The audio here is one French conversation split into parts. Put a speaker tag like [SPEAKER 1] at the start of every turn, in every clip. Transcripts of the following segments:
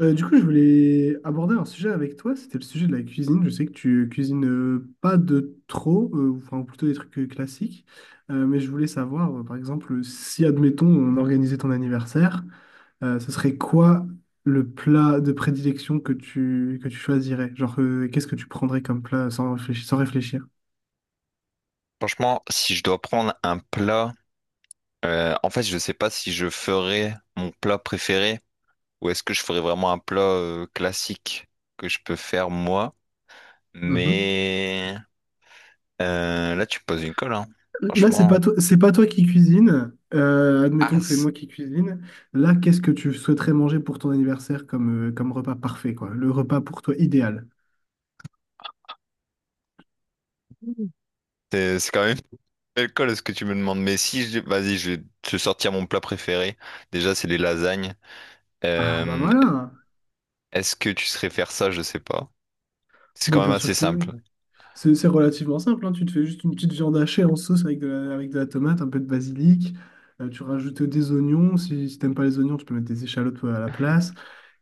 [SPEAKER 1] Du coup, je voulais aborder un sujet avec toi, c'était le sujet de la cuisine. Je sais que tu cuisines pas de trop, ou enfin plutôt des trucs classiques. Mais je voulais savoir, par exemple, si, admettons, on organisait ton anniversaire, ce serait quoi le plat de prédilection que tu choisirais? Genre, qu'est-ce que tu prendrais comme plat sans réfléchir, sans réfléchir?
[SPEAKER 2] Franchement, si je dois prendre un plat, en fait, je ne sais pas si je ferais mon plat préféré ou est-ce que je ferais vraiment un plat classique que je peux faire moi. Mais là, tu me poses une colle, hein.
[SPEAKER 1] Là,
[SPEAKER 2] Franchement.
[SPEAKER 1] c'est pas toi qui cuisine. Admettons
[SPEAKER 2] Ah,
[SPEAKER 1] que c'est
[SPEAKER 2] c-
[SPEAKER 1] moi qui cuisine. Là, qu'est-ce que tu souhaiterais manger pour ton anniversaire comme repas parfait, quoi? Le repas pour toi idéal.
[SPEAKER 2] c'est quand même une belle colle ce que tu me demandes. Mais si, je... vas-y, je vais te sortir mon plat préféré. Déjà, c'est les lasagnes.
[SPEAKER 1] Ah bah
[SPEAKER 2] Euh,
[SPEAKER 1] voilà.
[SPEAKER 2] Est-ce que tu serais faire ça? Je sais pas. C'est
[SPEAKER 1] Bah,
[SPEAKER 2] quand même
[SPEAKER 1] bien
[SPEAKER 2] assez
[SPEAKER 1] sûr que oui.
[SPEAKER 2] simple.
[SPEAKER 1] C'est relativement simple, hein. Tu te fais juste une petite viande hachée en sauce avec de la tomate, un peu de basilic. Tu rajoutes des oignons. Si t'aimes pas les oignons, tu peux mettre des échalotes à la place.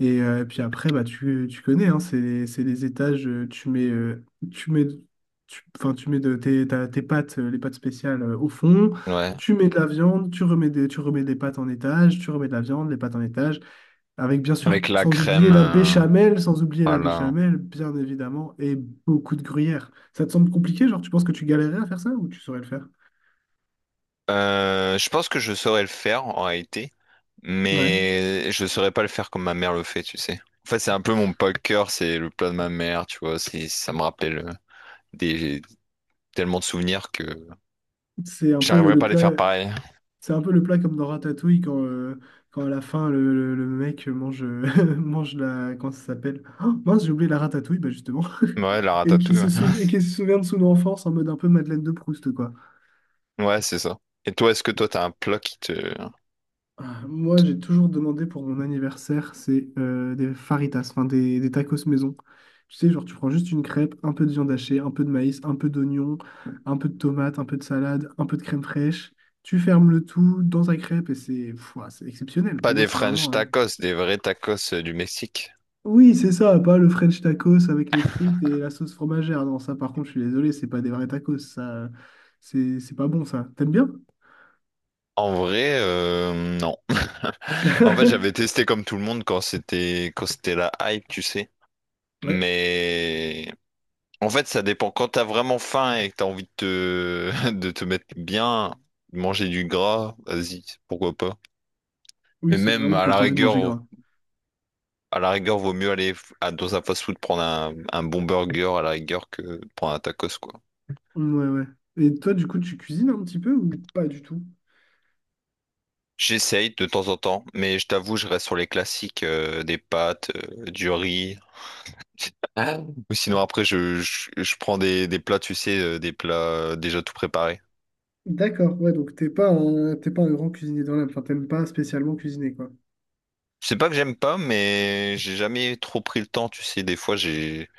[SPEAKER 1] Et puis après, bah, tu connais, hein, c'est les étages. Tu mets, tu mets, tu, enfin, tu mets tes pâtes, les pâtes spéciales au fond.
[SPEAKER 2] Ouais.
[SPEAKER 1] Tu mets de la viande, tu remets des pâtes en étage, tu remets de la viande, les pâtes en étage. Avec bien sûr,
[SPEAKER 2] Avec la
[SPEAKER 1] sans
[SPEAKER 2] crème,
[SPEAKER 1] oublier la béchamel, sans oublier la
[SPEAKER 2] voilà.
[SPEAKER 1] béchamel, bien évidemment, et beaucoup de gruyère. Ça te semble compliqué, genre tu penses que tu galérerais à faire ça ou tu saurais le faire?
[SPEAKER 2] Je pense que je saurais le faire en réalité,
[SPEAKER 1] Ouais.
[SPEAKER 2] mais je saurais pas le faire comme ma mère le fait, tu sais. En fait, c'est un peu mon poker, c'est le plat de ma mère, tu vois. Ça me rappelle des tellement de souvenirs que
[SPEAKER 1] C'est un peu
[SPEAKER 2] j'arriverais
[SPEAKER 1] le
[SPEAKER 2] pas à les faire
[SPEAKER 1] plat,
[SPEAKER 2] pareil.
[SPEAKER 1] c'est un peu le plat comme dans Ratatouille quand à la fin le mec mange, mange la, comment ça s'appelle? Oh, mince, j'ai oublié la ratatouille, bah justement.
[SPEAKER 2] Ouais, la
[SPEAKER 1] Et qui
[SPEAKER 2] ratatouille. Ouais,
[SPEAKER 1] se sou- et qui se souvient de son enfance en mode un peu Madeleine de Proust, quoi.
[SPEAKER 2] ouais, c'est ça. Et toi, est-ce que t'as un plat qui
[SPEAKER 1] Ah, moi, j'ai toujours demandé pour mon anniversaire, c'est des faritas, enfin des tacos maison. Tu sais, genre, tu prends juste une crêpe, un peu de viande hachée, un peu de maïs, un peu d'oignon, un peu de tomate, un peu de salade, un peu de crème fraîche. Tu fermes le tout dans ta crêpe et c'est pff, ouah, c'est exceptionnel.
[SPEAKER 2] pas
[SPEAKER 1] Pour moi,
[SPEAKER 2] des
[SPEAKER 1] c'est
[SPEAKER 2] French
[SPEAKER 1] vraiment, hein.
[SPEAKER 2] tacos, des vrais tacos du Mexique?
[SPEAKER 1] Oui, c'est ça, pas le French tacos avec les frites et la sauce fromagère. Non, ça, par contre, je suis désolé, c'est pas des vrais tacos. Ça, c'est pas bon, ça. T'aimes bien?
[SPEAKER 2] En vrai, non. En fait, j'avais testé comme tout le monde quand c'était la hype, tu sais.
[SPEAKER 1] Ouais.
[SPEAKER 2] Mais en fait, ça dépend. Quand t'as vraiment faim et que t'as envie de te... de te mettre bien, de manger du gras, vas-y, pourquoi pas. Mais
[SPEAKER 1] Oui, c'est
[SPEAKER 2] même
[SPEAKER 1] vraiment
[SPEAKER 2] à
[SPEAKER 1] quand
[SPEAKER 2] la
[SPEAKER 1] t'as envie de manger
[SPEAKER 2] rigueur,
[SPEAKER 1] gras.
[SPEAKER 2] vaut mieux aller dans un fast-food prendre un bon burger à la rigueur que de prendre un tacos, quoi.
[SPEAKER 1] Ouais, ouais. Et toi, du coup, tu cuisines un petit peu ou pas du tout?
[SPEAKER 2] J'essaye de temps en temps, mais je t'avoue, je reste sur les classiques, des pâtes, du riz. Ah. Ou sinon, après, je prends des plats, tu sais, des plats déjà tout préparés.
[SPEAKER 1] D'accord, ouais, donc t'es pas un grand cuisinier dans l'âme, enfin t'aimes pas spécialement cuisiner, quoi.
[SPEAKER 2] C'est pas que j'aime pas, mais j'ai jamais trop pris le temps, tu sais. Des fois, j'ai...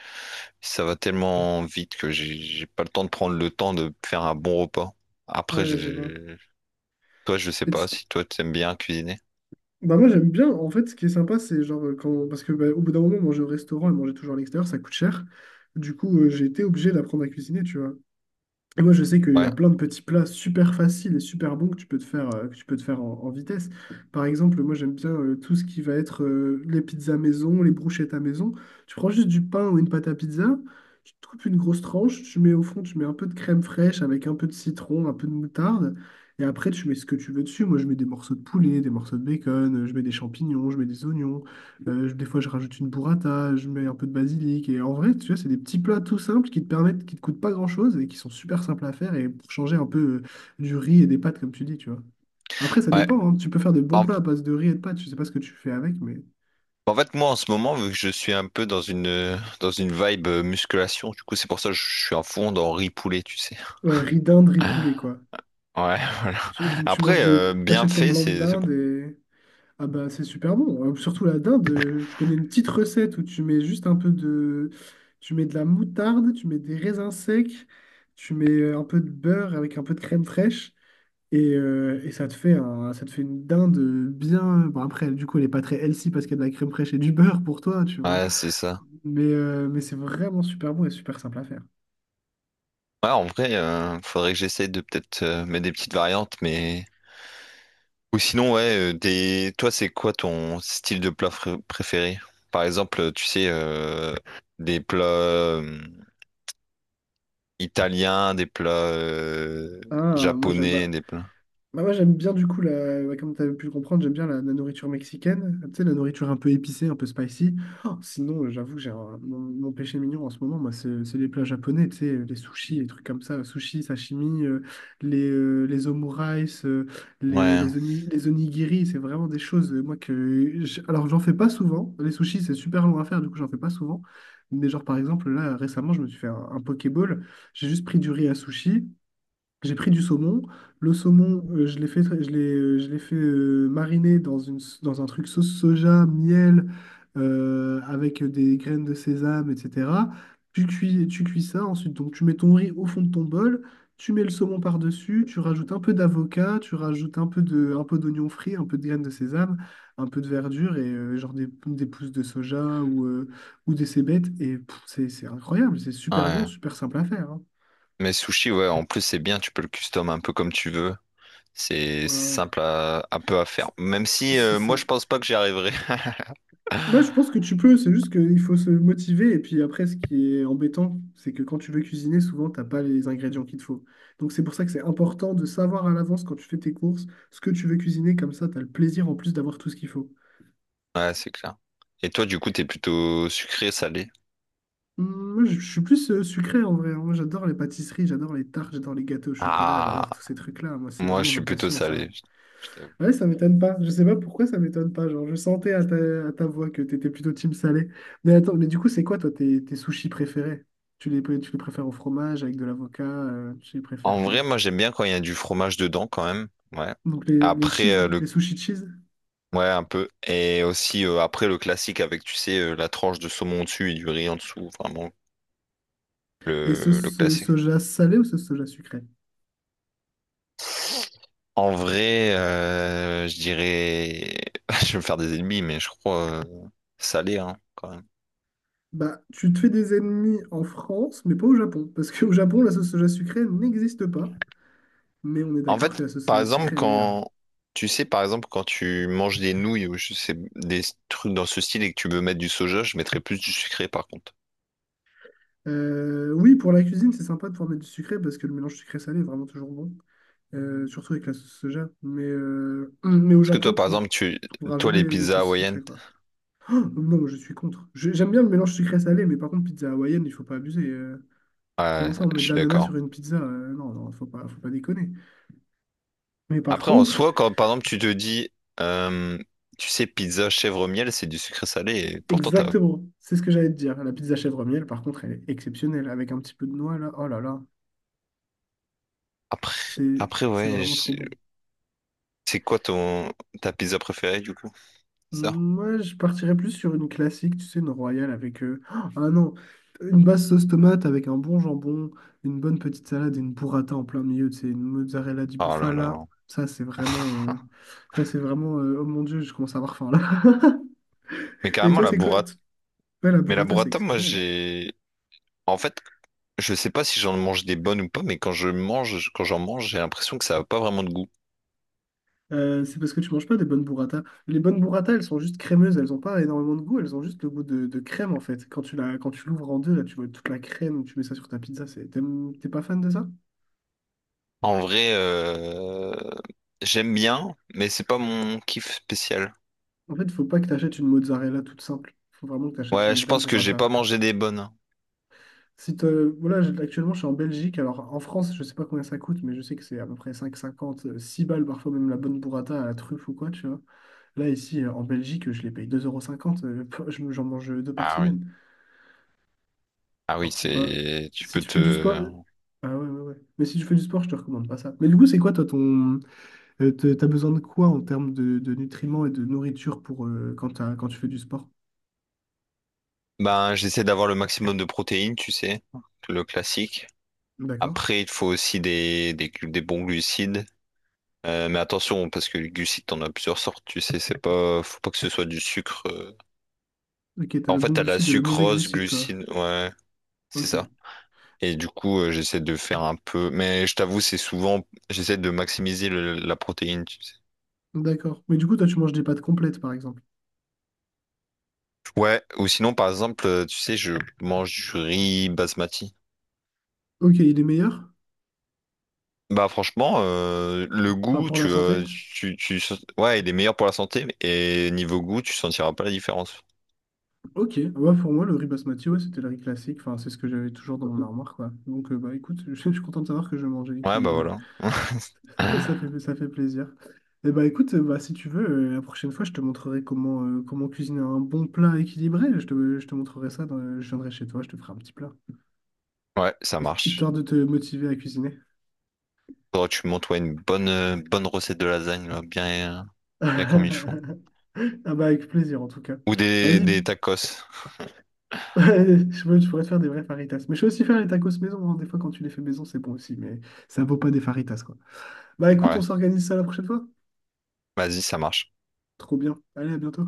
[SPEAKER 2] ça va tellement vite que j'ai pas le temps de prendre le temps de faire un bon repas. Après,
[SPEAKER 1] Ouais, je vois.
[SPEAKER 2] je... toi, je sais
[SPEAKER 1] Et
[SPEAKER 2] pas
[SPEAKER 1] tu-
[SPEAKER 2] si toi, t'aimes bien cuisiner.
[SPEAKER 1] Bah moi j'aime bien, en fait, ce qui est sympa, c'est genre quand... Parce que bah, au bout d'un moment, manger au restaurant et manger toujours à l'extérieur, ça coûte cher. Du coup, j'ai été obligé d'apprendre à cuisiner, tu vois. Et moi, je sais qu'il y
[SPEAKER 2] Ouais.
[SPEAKER 1] a plein de petits plats super faciles et super bons que tu peux te faire en vitesse. Par exemple, moi, j'aime bien tout ce qui va être les pizzas maison, les brochettes à maison. Tu prends juste du pain ou une pâte à pizza, tu te coupes une grosse tranche, tu mets au fond, tu mets un peu de crème fraîche avec un peu de citron, un peu de moutarde. Et après, tu mets ce que tu veux dessus. Moi, je mets des morceaux de poulet, des morceaux de bacon, je mets des champignons, je mets des oignons. Des fois, je rajoute une burrata, je mets un peu de basilic. Et en vrai, tu vois, c'est des petits plats tout simples qui te permettent, qui te coûtent pas grand-chose et qui sont super simples à faire et pour changer un peu du riz et des pâtes, comme tu dis, tu vois. Après, ça
[SPEAKER 2] Ouais.
[SPEAKER 1] dépend, hein. Tu peux faire de bons
[SPEAKER 2] En,
[SPEAKER 1] plats à base de riz et de pâtes. Je sais pas ce que tu fais avec, mais...
[SPEAKER 2] en fait, moi, en ce moment, vu que je suis un peu dans dans une vibe musculation, du coup, c'est pour ça que je suis à fond dans riz poulet, tu sais.
[SPEAKER 1] Ouais, riz d'Inde, riz
[SPEAKER 2] Ouais,
[SPEAKER 1] poulet, quoi.
[SPEAKER 2] voilà.
[SPEAKER 1] Donc, tu manges
[SPEAKER 2] Après,
[SPEAKER 1] des...
[SPEAKER 2] bien
[SPEAKER 1] T'achètes ton
[SPEAKER 2] fait,
[SPEAKER 1] blanc de
[SPEAKER 2] c'est bon.
[SPEAKER 1] dinde et ah bah c'est super bon. Surtout la dinde, je connais une petite recette où tu mets juste un peu de... Tu mets de la moutarde, tu mets des raisins secs, tu mets un peu de beurre avec un peu de crème fraîche et ça te fait une dinde bien... Bon après, du coup, elle n'est pas très healthy parce qu'il y a de la crème fraîche et du beurre pour toi, tu vois.
[SPEAKER 2] Ouais, c'est ça.
[SPEAKER 1] Mais c'est vraiment super bon et super simple à faire.
[SPEAKER 2] Ouais, en vrai, faudrait que j'essaie de peut-être mettre des petites variantes, mais ou sinon, ouais, des... toi, c'est quoi ton style de plat préféré? Par exemple, tu sais, des plats italiens, des plats
[SPEAKER 1] Ah, moi j'adore.
[SPEAKER 2] japonais, des plats.
[SPEAKER 1] Bah moi j'aime bien du coup ouais, comme tu as pu le comprendre, j'aime bien la nourriture mexicaine, tu sais, la nourriture un peu épicée, un peu spicy. Oh, sinon, j'avoue, mon péché mignon en ce moment, moi, c'est les plats japonais, tu sais, les sushis, les trucs comme ça, sushis, sashimi, les omurice, euh, les,
[SPEAKER 2] Ouais,
[SPEAKER 1] les, oni- les onigiri, c'est vraiment des choses, moi, que... Alors, j'en fais pas souvent, les sushis, c'est super long à faire, du coup, j'en fais pas souvent. Mais genre, par exemple, là, récemment, je me suis fait un Pokéball, j'ai juste pris du riz à sushi. J'ai pris du saumon. Le saumon, je l'ai fait mariner dans un truc sauce soja, miel, avec des graines de sésame, etc. Tu cuis ça. Ensuite, donc, tu mets ton riz au fond de ton bol. Tu mets le saumon par-dessus. Tu rajoutes un peu d'avocat. Tu rajoutes un peu d'oignon frit, un peu de graines de sésame, un peu de verdure et genre des pousses de soja ou des cébettes. Et pff, c'est incroyable. C'est super bon,
[SPEAKER 2] ouais.
[SPEAKER 1] super simple à faire, hein.
[SPEAKER 2] Mais sushi, ouais, en plus, c'est bien, tu peux le custom un peu comme tu veux. C'est
[SPEAKER 1] Ouais, ouais.
[SPEAKER 2] simple à... un peu à faire. Même si,
[SPEAKER 1] C'est ça.
[SPEAKER 2] moi, je pense pas que j'y arriverai.
[SPEAKER 1] Moi, je pense que tu peux, c'est juste qu'il faut se motiver. Et puis après, ce qui est embêtant, c'est que quand tu veux cuisiner, souvent, t'as pas les ingrédients qu'il te faut. Donc, c'est pour ça que c'est important de savoir à l'avance quand tu fais tes courses ce que tu veux cuisiner. Comme ça, tu as le plaisir en plus d'avoir tout ce qu'il faut.
[SPEAKER 2] Ouais, c'est clair. Et toi, du coup, t'es plutôt sucré, salé?
[SPEAKER 1] Moi, je suis plus sucré en vrai, hein. Moi, j'adore les pâtisseries, j'adore les tartes, j'adore les gâteaux au chocolat,
[SPEAKER 2] Ah,
[SPEAKER 1] j'adore tous ces trucs-là. Moi, c'est
[SPEAKER 2] moi, je
[SPEAKER 1] vraiment ma
[SPEAKER 2] suis plutôt
[SPEAKER 1] passion, ça.
[SPEAKER 2] salé, je t'avoue.
[SPEAKER 1] Ouais, ça m'étonne pas. Je sais pas pourquoi ça m'étonne pas. Genre, je sentais à ta voix que t'étais plutôt team salé. Mais attends, mais du coup, c'est quoi toi tes sushis préférés? Tu les préfères au fromage, avec de l'avocat, tu les préfères
[SPEAKER 2] En vrai,
[SPEAKER 1] comment?
[SPEAKER 2] moi j'aime bien quand il y a du fromage dedans quand même. Ouais.
[SPEAKER 1] Donc les
[SPEAKER 2] Après
[SPEAKER 1] cheese, les
[SPEAKER 2] le
[SPEAKER 1] sushis cheese
[SPEAKER 2] ouais un peu et aussi après le classique avec tu sais la tranche de saumon dessus et du riz en dessous, vraiment
[SPEAKER 1] et
[SPEAKER 2] le
[SPEAKER 1] sauce
[SPEAKER 2] classique.
[SPEAKER 1] soja salée ou sauce soja sucrée?
[SPEAKER 2] En vrai, je dirais je vais me faire des ennemis mais je crois salé hein quand même.
[SPEAKER 1] Bah, tu te fais des ennemis en France, mais pas au Japon. Parce qu'au Japon, la sauce soja sucrée n'existe pas. Mais on est
[SPEAKER 2] En
[SPEAKER 1] d'accord que
[SPEAKER 2] fait,
[SPEAKER 1] la sauce
[SPEAKER 2] par
[SPEAKER 1] soja
[SPEAKER 2] exemple
[SPEAKER 1] sucrée est meilleure.
[SPEAKER 2] quand tu sais par exemple quand tu manges des nouilles ou je sais des trucs dans ce style et que tu veux mettre du soja, je mettrais plus du sucré par contre.
[SPEAKER 1] Oui, pour la cuisine, c'est sympa de pouvoir mettre du sucré parce que le mélange sucré-salé est vraiment toujours bon. Surtout avec la sauce soja. Mais au
[SPEAKER 2] Parce que toi,
[SPEAKER 1] Japon,
[SPEAKER 2] par
[SPEAKER 1] tu ne
[SPEAKER 2] exemple,
[SPEAKER 1] trouveras
[SPEAKER 2] toi, les
[SPEAKER 1] jamais de
[SPEAKER 2] pizzas
[SPEAKER 1] sauce
[SPEAKER 2] hawaïennes,
[SPEAKER 1] sucrée, quoi. Non, je suis contre. J'aime bien le mélange sucré-salé, mais par contre, pizza hawaïenne, il faut pas abuser. Comment
[SPEAKER 2] ouais,
[SPEAKER 1] ça, on
[SPEAKER 2] je
[SPEAKER 1] met de
[SPEAKER 2] suis
[SPEAKER 1] l'ananas sur
[SPEAKER 2] d'accord.
[SPEAKER 1] une pizza? Non, non, faut pas déconner. Mais par
[SPEAKER 2] Après, en
[SPEAKER 1] contre,
[SPEAKER 2] soi, quand, par exemple, tu te dis, euh, tu sais, pizza chèvre miel, c'est du sucré salé, et pourtant,
[SPEAKER 1] exactement, c'est ce que j'allais te dire. La pizza chèvre miel, par contre, elle est exceptionnelle, avec un petit peu de noix, là. Oh là là, c'est,
[SPEAKER 2] après,
[SPEAKER 1] c'est
[SPEAKER 2] ouais,
[SPEAKER 1] vraiment trop bon.
[SPEAKER 2] c'est quoi ta pizza préférée, du coup? C'est ça?
[SPEAKER 1] Moi, je partirais plus sur une classique, tu sais, une royale avec... Ah non, une basse sauce tomate avec un bon jambon, une bonne petite salade et une burrata en plein milieu, tu sais, une mozzarella di
[SPEAKER 2] Oh là
[SPEAKER 1] bufala.
[SPEAKER 2] là.
[SPEAKER 1] Ça, c'est vraiment... euh, Oh mon Dieu, je commence à avoir faim, là.
[SPEAKER 2] Mais
[SPEAKER 1] Et
[SPEAKER 2] carrément,
[SPEAKER 1] toi, c'est quoi? Ouais, la
[SPEAKER 2] mais la
[SPEAKER 1] burrata, c'est
[SPEAKER 2] burrata, moi,
[SPEAKER 1] exceptionnel.
[SPEAKER 2] en fait, je sais pas si j'en mange des bonnes ou pas, mais quand je mange, quand j'en mange, j'ai l'impression que ça a pas vraiment de goût.
[SPEAKER 1] C'est parce que tu manges pas des bonnes burrata. Les bonnes burrata, elles sont juste crémeuses, elles ont pas énormément de goût, elles ont juste le goût de crème, en fait. Quand tu l'ouvres en deux, là, tu vois toute la crème, tu mets ça sur ta pizza, c'est... T'es pas fan de ça?
[SPEAKER 2] En vrai, j'aime bien, mais c'est pas mon kiff spécial.
[SPEAKER 1] En fait, faut pas que tu achètes une mozzarella toute simple. Faut vraiment que tu achètes
[SPEAKER 2] Ouais,
[SPEAKER 1] une
[SPEAKER 2] je
[SPEAKER 1] vraie
[SPEAKER 2] pense que j'ai pas
[SPEAKER 1] burrata.
[SPEAKER 2] mangé des bonnes.
[SPEAKER 1] Si te... Voilà, actuellement, je suis en Belgique. Alors, en France, je sais pas combien ça coûte, mais je sais que c'est à peu près 5,50, 6 balles, parfois même la bonne burrata à la truffe ou quoi, tu vois. Là, ici, en Belgique, je les paye deux euros cinquante. J'en mange deux par
[SPEAKER 2] Ah oui.
[SPEAKER 1] semaine.
[SPEAKER 2] Ah oui,
[SPEAKER 1] Alors, c'est pas...
[SPEAKER 2] c'est. Tu
[SPEAKER 1] Si
[SPEAKER 2] peux
[SPEAKER 1] tu fais du
[SPEAKER 2] te.
[SPEAKER 1] sport... Ah ouais, ouais, ouais. Mais si tu fais du sport, je te recommande pas ça. Mais du coup, c'est quoi, toi, ton... T'as besoin de quoi en termes de nutriments et de nourriture pour, quand quand tu fais du sport?
[SPEAKER 2] Ben, j'essaie d'avoir le maximum de protéines, tu sais, le classique.
[SPEAKER 1] D'accord.
[SPEAKER 2] Après, il te faut aussi des bons glucides. Mais attention, parce que les glucides, t'en as plusieurs sortes, tu sais, c'est pas, faut pas que ce soit du sucre.
[SPEAKER 1] Ok, t'as
[SPEAKER 2] En
[SPEAKER 1] le
[SPEAKER 2] fait,
[SPEAKER 1] bon
[SPEAKER 2] t'as la
[SPEAKER 1] glucide et le mauvais
[SPEAKER 2] sucrose,
[SPEAKER 1] glucide, quoi.
[SPEAKER 2] glucide, ouais, c'est
[SPEAKER 1] Ok,
[SPEAKER 2] ça. Et du coup, j'essaie de faire un peu, mais je t'avoue, c'est souvent, j'essaie de maximiser la protéine.
[SPEAKER 1] d'accord. Mais du coup, toi, tu manges des pâtes complètes, par exemple.
[SPEAKER 2] Ouais, ou sinon, par exemple, tu sais, je mange du riz basmati.
[SPEAKER 1] Ok, il est meilleur?
[SPEAKER 2] Bah franchement, le
[SPEAKER 1] Enfin,
[SPEAKER 2] goût,
[SPEAKER 1] pour la santé?
[SPEAKER 2] tu, ouais, il est meilleur pour la santé, et niveau goût, tu sentiras pas la différence.
[SPEAKER 1] Ok, ouais, pour moi, le riz basmati, ouais, c'était le riz classique. Enfin, c'est ce que j'avais toujours dans mon armoire, quoi. Donc, bah, écoute, je suis content de savoir que je mangeais
[SPEAKER 2] Ouais, bah
[SPEAKER 1] équilibré.
[SPEAKER 2] voilà.
[SPEAKER 1] Ça fait, ça fait plaisir. Et bah, écoute, bah, si tu veux, la prochaine fois, je te montrerai comment cuisiner un bon plat équilibré. Je te montrerai ça, je viendrai chez toi, je te ferai un petit plat.
[SPEAKER 2] Ouais, ça marche.
[SPEAKER 1] Histoire de te motiver à cuisiner.
[SPEAKER 2] Faudrait que tu montes ouais, bonne recette de lasagne, là, bien comme il faut.
[SPEAKER 1] Ah bah avec plaisir en tout cas.
[SPEAKER 2] Ou
[SPEAKER 1] Vas-y,
[SPEAKER 2] des tacos.
[SPEAKER 1] je pourrais te faire des vrais faritas. Mais je sais aussi faire les tacos maison, hein. Des fois, quand tu les fais maison, c'est bon aussi. Mais ça vaut pas des faritas, quoi. Bah écoute, on
[SPEAKER 2] Ouais,
[SPEAKER 1] s'organise ça la prochaine fois.
[SPEAKER 2] vas-y, ça marche.
[SPEAKER 1] Trop bien. Allez, à bientôt.